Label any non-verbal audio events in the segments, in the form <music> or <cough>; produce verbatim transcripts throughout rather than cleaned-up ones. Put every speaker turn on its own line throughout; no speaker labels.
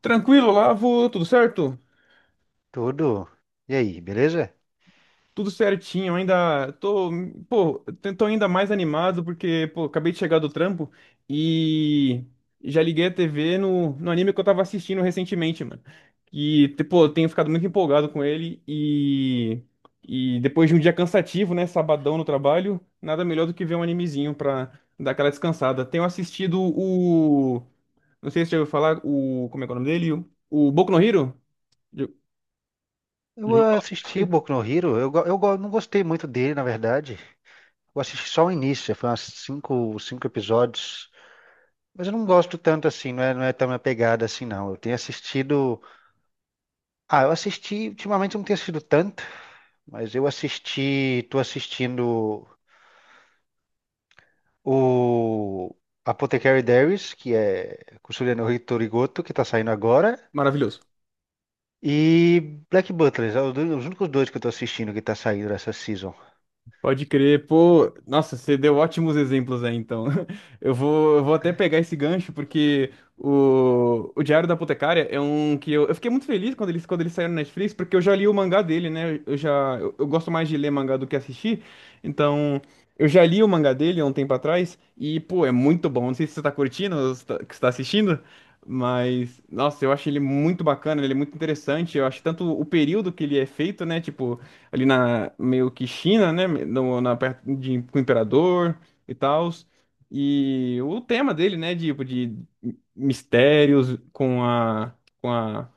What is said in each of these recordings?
Tranquilo, Lavo, tudo certo?
Tudo. E aí, beleza?
Tudo certinho, ainda tô, pô, tô ainda mais animado porque, pô, acabei de chegar do trampo e já liguei a T V no, no anime que eu tava assistindo recentemente, mano. E, te- pô, eu tenho ficado muito empolgado com ele e, e depois de um dia cansativo, né, sabadão no trabalho, nada melhor do que ver um animezinho pra dar aquela descansada. Tenho assistido o, não sei se você já ouviu falar, o, como é que é o nome dele? O, o Boku no Hero? Já- já
Eu
ouviu falar?
assisti
Dele?
Boku no Hero, eu, go- eu go- não gostei muito dele, na verdade. Eu assisti só o início, foi umas cinco, cinco episódios. Mas eu não gosto tanto assim, não é, não é tão minha pegada assim, não. Eu tenho assistido. Ah, eu assisti. Ultimamente eu não tenho assistido tanto, mas eu assisti. Tô assistindo o Apothecary Diaries, que é Kusuria no Hitorigoto, que tá saindo agora.
Maravilhoso.
E Black Butler, é os dois- os únicos dois que eu tô assistindo que tá saindo essa season.
Pode crer, pô. Nossa, você deu ótimos exemplos aí, então. <laughs> Eu vou, eu vou até pegar esse gancho, porque o, o Diário da Apotecária é um que eu, eu fiquei muito feliz quando eles, quando eles saíram na Netflix, porque eu já li o mangá dele, né? Eu já, eu, eu gosto mais de ler mangá do que assistir, então eu já li o mangá dele há um tempo atrás, e, pô, é muito bom. Não sei se você tá curtindo, ou se tá, que você tá assistindo, mas, nossa, eu acho ele muito bacana, ele é muito interessante. Eu acho tanto o período que ele é feito, né? Tipo ali na meio que China, né, no, na perto de com o imperador e tal. E o tema dele, né, tipo de mistérios com a com a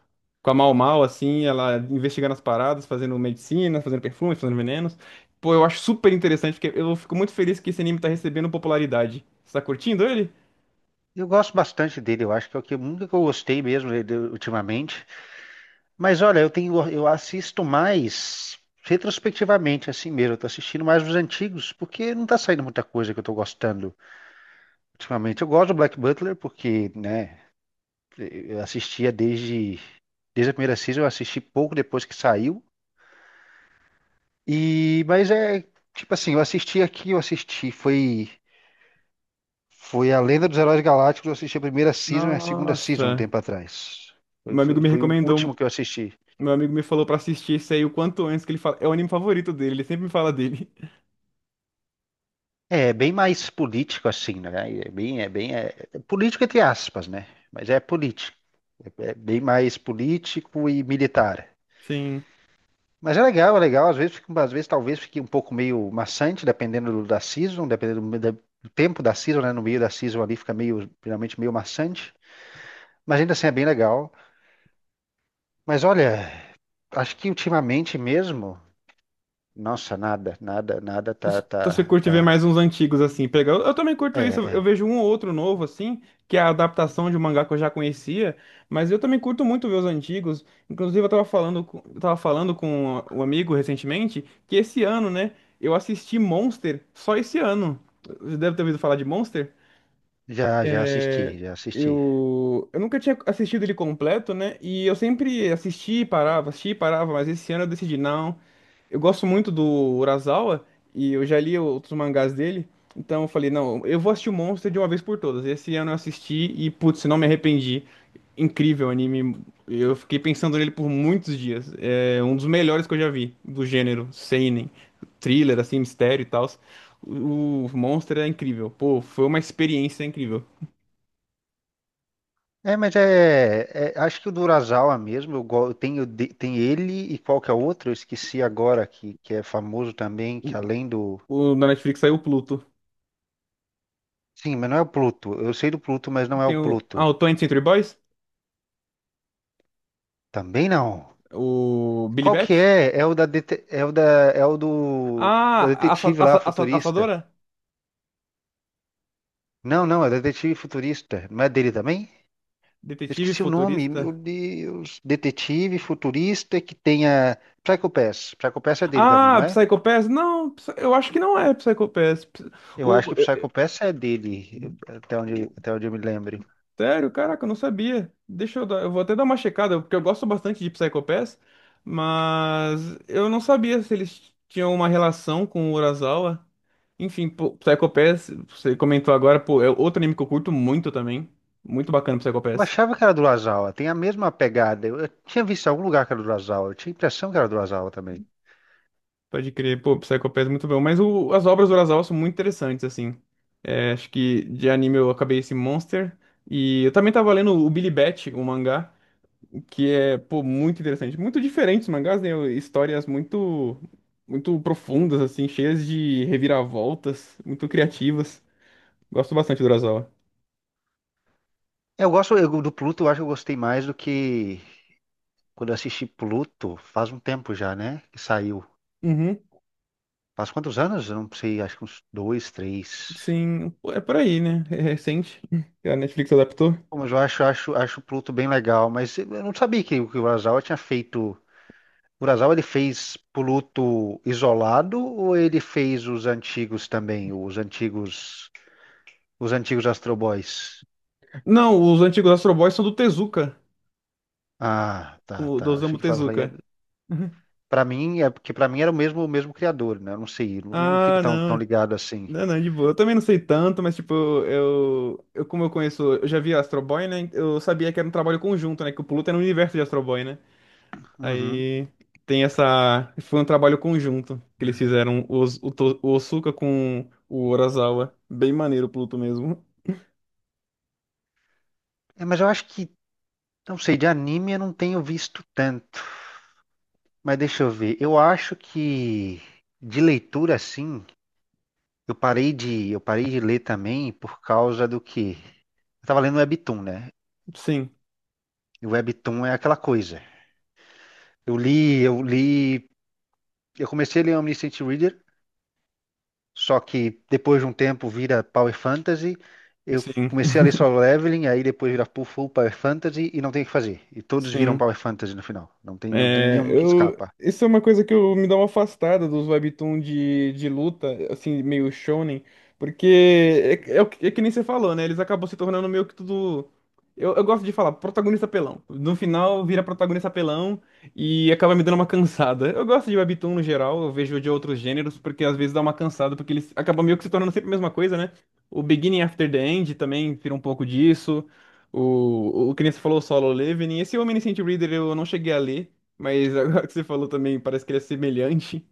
com a Mau Mau assim, ela investigando as paradas, fazendo medicina, fazendo perfumes, fazendo venenos. Pô, eu acho super interessante, porque eu fico muito feliz que esse anime tá recebendo popularidade. Você tá curtindo ele?
Eu gosto bastante dele, eu acho que é o que nunca que eu gostei mesmo dele ultimamente. Mas olha, eu tenho, eu assisto mais retrospectivamente, assim mesmo. Eu tô assistindo mais os antigos, porque não tá saindo muita coisa que eu tô gostando ultimamente. Eu gosto do Black Butler, porque, né, eu assistia desde, desde a primeira season, eu assisti pouco depois que saiu. E, mas é, tipo assim, eu assisti aqui, eu assisti, foi. Foi a Lenda dos Heróis Galácticos, eu assisti a primeira season e a segunda season um
Nossa,
tempo atrás. Foi,
meu amigo
foi-
me
foi o
recomendou,
último que eu assisti.
meu amigo me falou pra assistir isso aí o quanto antes que ele fala, é o anime favorito dele, ele sempre me fala dele.
É, bem mais político assim, né? É bem, é bem, é, é político entre aspas, né? Mas é político. É, é bem mais político e militar.
Sim.
Mas é legal, é legal. Às vezes, fica- um, às vezes talvez fique um pouco meio maçante, dependendo do- da season, dependendo do, da- do tempo da season, né? No meio da season ali fica meio, geralmente meio maçante. Mas ainda assim é bem legal. Mas olha, acho que ultimamente mesmo. Nossa, nada, nada, nada tá,
Então você
tá,
curte ver
tá.
mais uns antigos assim, pegar. Eu, eu também curto
É,
isso, eu, eu
é.
vejo um ou outro novo assim, que é a adaptação de um mangá que eu já conhecia, mas eu também curto muito ver os antigos. Inclusive eu tava falando, com- eu tava falando com um amigo recentemente que esse ano, né, eu assisti Monster só esse ano. Você deve ter ouvido falar de Monster?
Já, já
É,
assisti, já assisti.
eu, eu nunca tinha assistido ele completo, né? E eu sempre assisti e parava, assistia e parava, mas esse ano eu decidi, não. Eu gosto muito do Urasawa e eu já li outros mangás dele, então eu falei, não, eu vou assistir o Monster de uma vez por todas. Esse ano eu assisti e, putz, não me arrependi. Incrível anime, eu fiquei pensando nele por muitos dias. É um dos melhores que eu já vi, do gênero seinen, thriller, assim, mistério e tal. O o Monster é incrível, pô, foi uma experiência incrível.
É, mas é, é, acho que o do Urasawa mesmo, eu, go- eu tenho, de- tem ele e qual que é o outro? Eu esqueci agora, que, que é famoso também, que além do...
O, na Netflix saiu o Pluto.
Sim, mas não é o Pluto. Eu sei do Pluto, mas não é o
Tem o. Ah,
Pluto.
o vinte Century Boys?
Também não.
O Billy
Qual que
Bat?
é? É o da, dete- é o da, é o do, da
Ah, assa,
detetive
assa,
lá,
assa-
futurista.
assadora?
Não, não, é o detetive futurista. Não é dele também? Eu
Detetive
esqueci o nome, meu
futurista?
Deus. Detetive futurista que tenha. Psycho Pass. Psycho Pass é dele também, não
Ah,
é?
Psycho Pass? Não, Psy- eu acho que não é Psycho Pass. Ps-
Eu
O,
acho que o Psycho Pass é dele, eu- até onde, até onde eu me lembro.
sério? Caraca, eu não sabia. Deixa eu dar, eu vou até dar uma checada, porque eu gosto bastante de Psycho Pass, mas eu não sabia se eles tinham uma relação com o Urasawa. Enfim, pô, Psycho Pass, você comentou agora, pô, é outro anime que eu curto muito também. Muito bacana, Psycho
Eu
Pass.
achava que era do Urasawa, tem a mesma pegada. Eu, eu tinha visto em algum lugar que era do Urasawa, eu tinha a impressão que era do Urasawa também.
Pode crer, pô, Psycho Pass é muito bom. Mas o- as obras do Urasawa são muito interessantes, assim. É, acho que de anime eu acabei esse Monster. E eu também tava lendo o Billy Bat, o mangá. Que é, pô, muito interessante. Muito diferentes mangás, né? Histórias muito, muito profundas, assim, cheias de reviravoltas, muito criativas. Gosto bastante do Urasawa.
Eu gosto eu- do Pluto, eu acho que eu gostei mais do que quando eu assisti Pluto, faz um tempo já, né? Que saiu.
Uhum,
Faz quantos anos? Eu não sei, acho que uns dois, três.
sim, pô, é por aí, né? É recente. <laughs> A Netflix adaptou.
Bom, mas eu acho, acho, acho o Pluto bem legal, mas eu não sabia que, o que o Urasawa tinha feito. O Urasawa ele fez Pluto isolado ou ele fez os antigos também, os antigos, os antigos Astro Boys?
Não, os antigos Astro Boys são do Tezuka,
Ah,
com,
tá,
o- do
tá.
Osamu
Achei que falava.
Tezuka. Uhum.
Para mim é porque para mim era o mesmo, o mesmo criador, né? Eu não sei, não não fico
Ah,
tão, tão
não.
ligado assim.
Não, não, de boa. Eu também não sei tanto, mas, tipo, eu, eu como eu conheço, eu já vi Astro Boy, né? Eu sabia que era um trabalho conjunto, né? Que o Pluto era um universo de Astro Boy, né?
Uhum.
Aí tem essa. Foi um trabalho conjunto que eles fizeram o, Os- o, To- o Osuka com o Urasawa. Bem maneiro o Pluto mesmo.
É, mas eu acho que, não sei, de anime eu não tenho visto tanto. Mas deixa eu ver. Eu acho que de leitura assim. Eu parei de, eu parei de ler também por causa do que? Eu estava lendo Webtoon, né?
Sim,
E o Webtoon é aquela coisa. Eu li, eu li, eu comecei a ler Omniscient Reader, só que depois de um tempo vira Power Fantasy. Eu
sim,
comecei a ler Solo Leveling, aí depois vira Full Full Power Fantasy e não tem o que fazer. E
<laughs>
todos viram
sim.
Power Fantasy no final. Não tem, não tem
É,
nenhum que
eu,
escapa.
isso é uma coisa que eu me dá uma afastada dos webtoon de, de luta, assim, meio shonen, porque é, é, o que é que nem você falou, né? Eles acabam se tornando meio que tudo. Eu, eu gosto de falar, protagonista pelão. No final vira protagonista pelão e acaba me dando uma cansada. Eu gosto de webtoon no geral, eu vejo de outros gêneros, porque às vezes dá uma cansada, porque eles acabam meio que se tornando sempre a mesma coisa, né? O Beginning After the End também vira um pouco disso. O, o que nem você falou, o Solo Leveling. Esse Omniscient Reader eu não cheguei a ler. Mas <laughs> agora que você falou também, parece que ele é semelhante.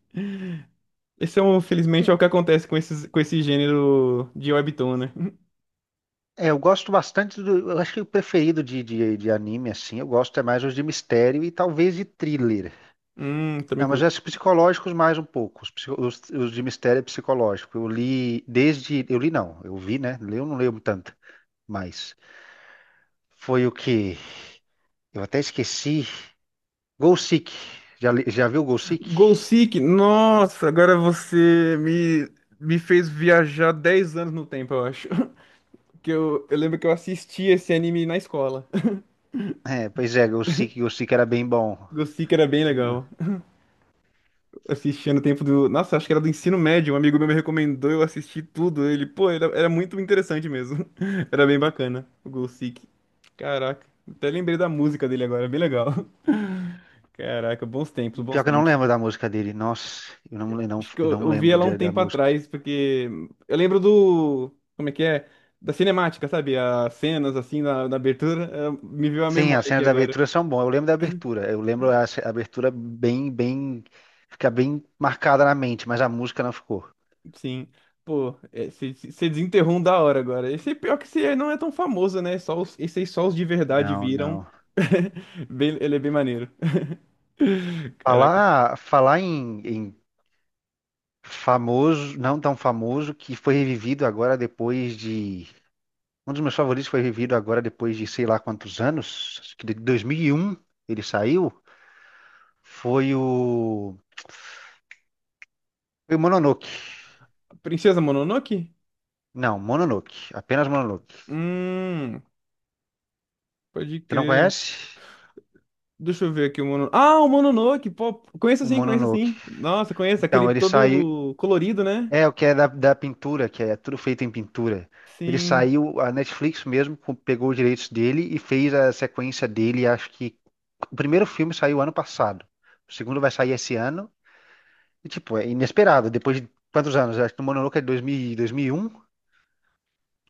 Esse é, um, felizmente, é o que acontece com esses, com esse gênero de webtoon, né? <laughs>
É, eu gosto bastante do. Eu acho que o preferido de, de, de anime, assim, eu gosto é mais os de mistério e talvez de thriller.
Hum, também
Não, mas
curto.
os psicológicos mais um pouco. Os, psico- os- os de mistério é psicológico. Eu li desde. Eu li não, eu vi, né? Li, eu não leio tanto, mas foi o que. Eu até esqueci. Gol Seek. Já, li- já viu Gol Seek?
Goal Seek, nossa, agora você me, me fez viajar dez anos no tempo, eu acho. <laughs> Que eu, eu lembro que eu assisti esse anime na escola.
É, pois é, Gol Seek, Gol Seek era bem bom.
<laughs> Goal Seek era bem
Eu não-
legal. Assistia no tempo do. Nossa, acho que era do ensino médio. Um amigo meu me recomendou, eu assisti tudo. Ele, pô, era, era muito interessante mesmo. <laughs> Era bem bacana, o Gol Seek. Caraca, até lembrei da música dele agora, bem legal. <laughs> Caraca, bons tempos, bons
Pior que eu não
tempos.
lembro da música dele. Nossa, eu não, le- não,
Acho que
eu
eu,
não
eu vi
lembro
ela um
de- da
tempo
música.
atrás, porque eu lembro do. Como é que é? Da cinemática, sabe? As cenas assim na, na abertura. eh, Me veio a
Sim, as
memória aqui
cenas da
agora.
abertura são boas. Eu lembro da abertura. Eu lembro a ce- a abertura bem, bem. Fica bem marcada na mente, mas a música não ficou.
Sim. Pô, você desenterrou um da hora agora. Esse é pior que esse aí não é tão famoso, né? Só os, esse aí só os de verdade
Não,
viram.
não.
<laughs> Bem- ele é bem maneiro. <laughs> Caraca.
Falar, falar em, em famoso, não tão famoso, que foi revivido agora depois de. Um dos meus favoritos foi revivido agora depois de sei lá quantos anos, acho que de dois mil e um ele saiu, foi o. Foi o Mononoke.
Princesa Mononoke?
Não, Mononoke, apenas Mononoke.
Hum, pode
Você não
crer.
conhece?
Deixa eu ver aqui o Mononoke. Ah, o Mononoke! Pô, conheço
O
sim, conheço
Mononoke.
sim. Nossa, conheço. Aquele
Então, ele saiu.
todo colorido, né?
É, o que é da, da pintura, que é tudo feito em pintura. Ele
Sim.
saiu, a Netflix mesmo co- pegou os direitos dele e fez a sequência dele. Acho que o primeiro filme saiu ano passado, o segundo vai sair esse ano. E, tipo, é inesperado. Depois de quantos anos? Acho que o Mononoke é de dois mil, dois mil e um. dois mil e um e um.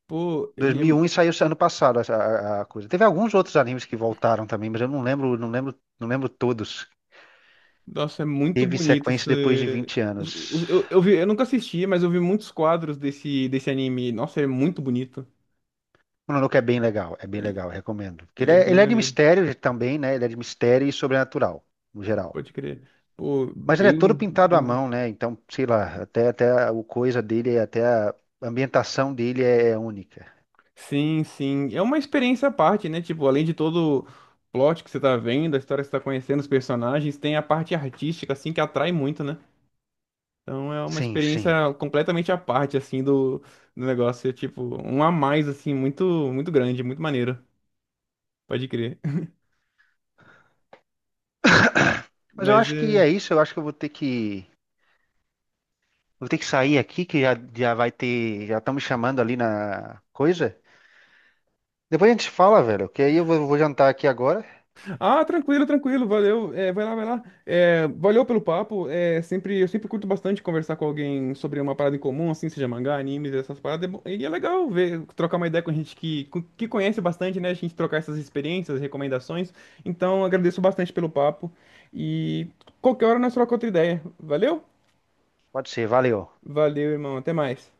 Pô,
dois
ele é.
mil e um e saiu esse ano passado a, a- a coisa. Teve alguns outros animes que voltaram também, mas eu não lembro, não lembro, não lembro todos.
Nossa, é muito
Teve
bonito
sequência depois de
esse...
vinte
os-
anos.
os- Eu, eu vi, eu nunca assisti, mas eu vi muitos quadros desse, desse anime. Nossa, é muito bonito.
Mononoke é bem legal, é bem
Ele,
legal, recomendo. Porque ele
ele é
é,
bem
ele é de
maneiro,
mistério também, né? Ele é de mistério e sobrenatural, no geral.
pode crer. Pô,
Mas ele é todo
bem,
pintado à
bem...
mão, né? Então, sei lá, até, até o coisa dele, até a ambientação dele é é única.
Sim, sim. É uma experiência à parte, né? Tipo, além de todo o plot que você tá vendo, a história que você tá conhecendo, os personagens, tem a parte artística, assim, que atrai muito, né? Então é uma
Sim, sim.
experiência completamente à parte, assim, do, do negócio. É tipo, um a mais, assim, muito, muito grande, muito maneiro. Pode crer. <laughs>
Mas eu
Mas
acho que
é.
é isso, eu acho que eu vou ter que, vou ter que sair aqui, que já, já vai ter, já estão me chamando ali na coisa. Depois a gente fala, velho, que aí eu vou, vou jantar aqui agora.
Ah, tranquilo, tranquilo, valeu. É, vai lá, vai lá. É, valeu pelo papo. É, sempre, eu sempre curto bastante conversar com alguém sobre uma parada em comum, assim, seja mangá, animes, essas paradas. É bom- e é legal ver, trocar uma ideia com gente que, com- que conhece bastante, né? A gente trocar essas experiências, recomendações. Então, agradeço bastante pelo papo. E qualquer hora nós trocamos outra ideia. Valeu?
Pode ser, valeu.
Valeu, irmão. Até mais.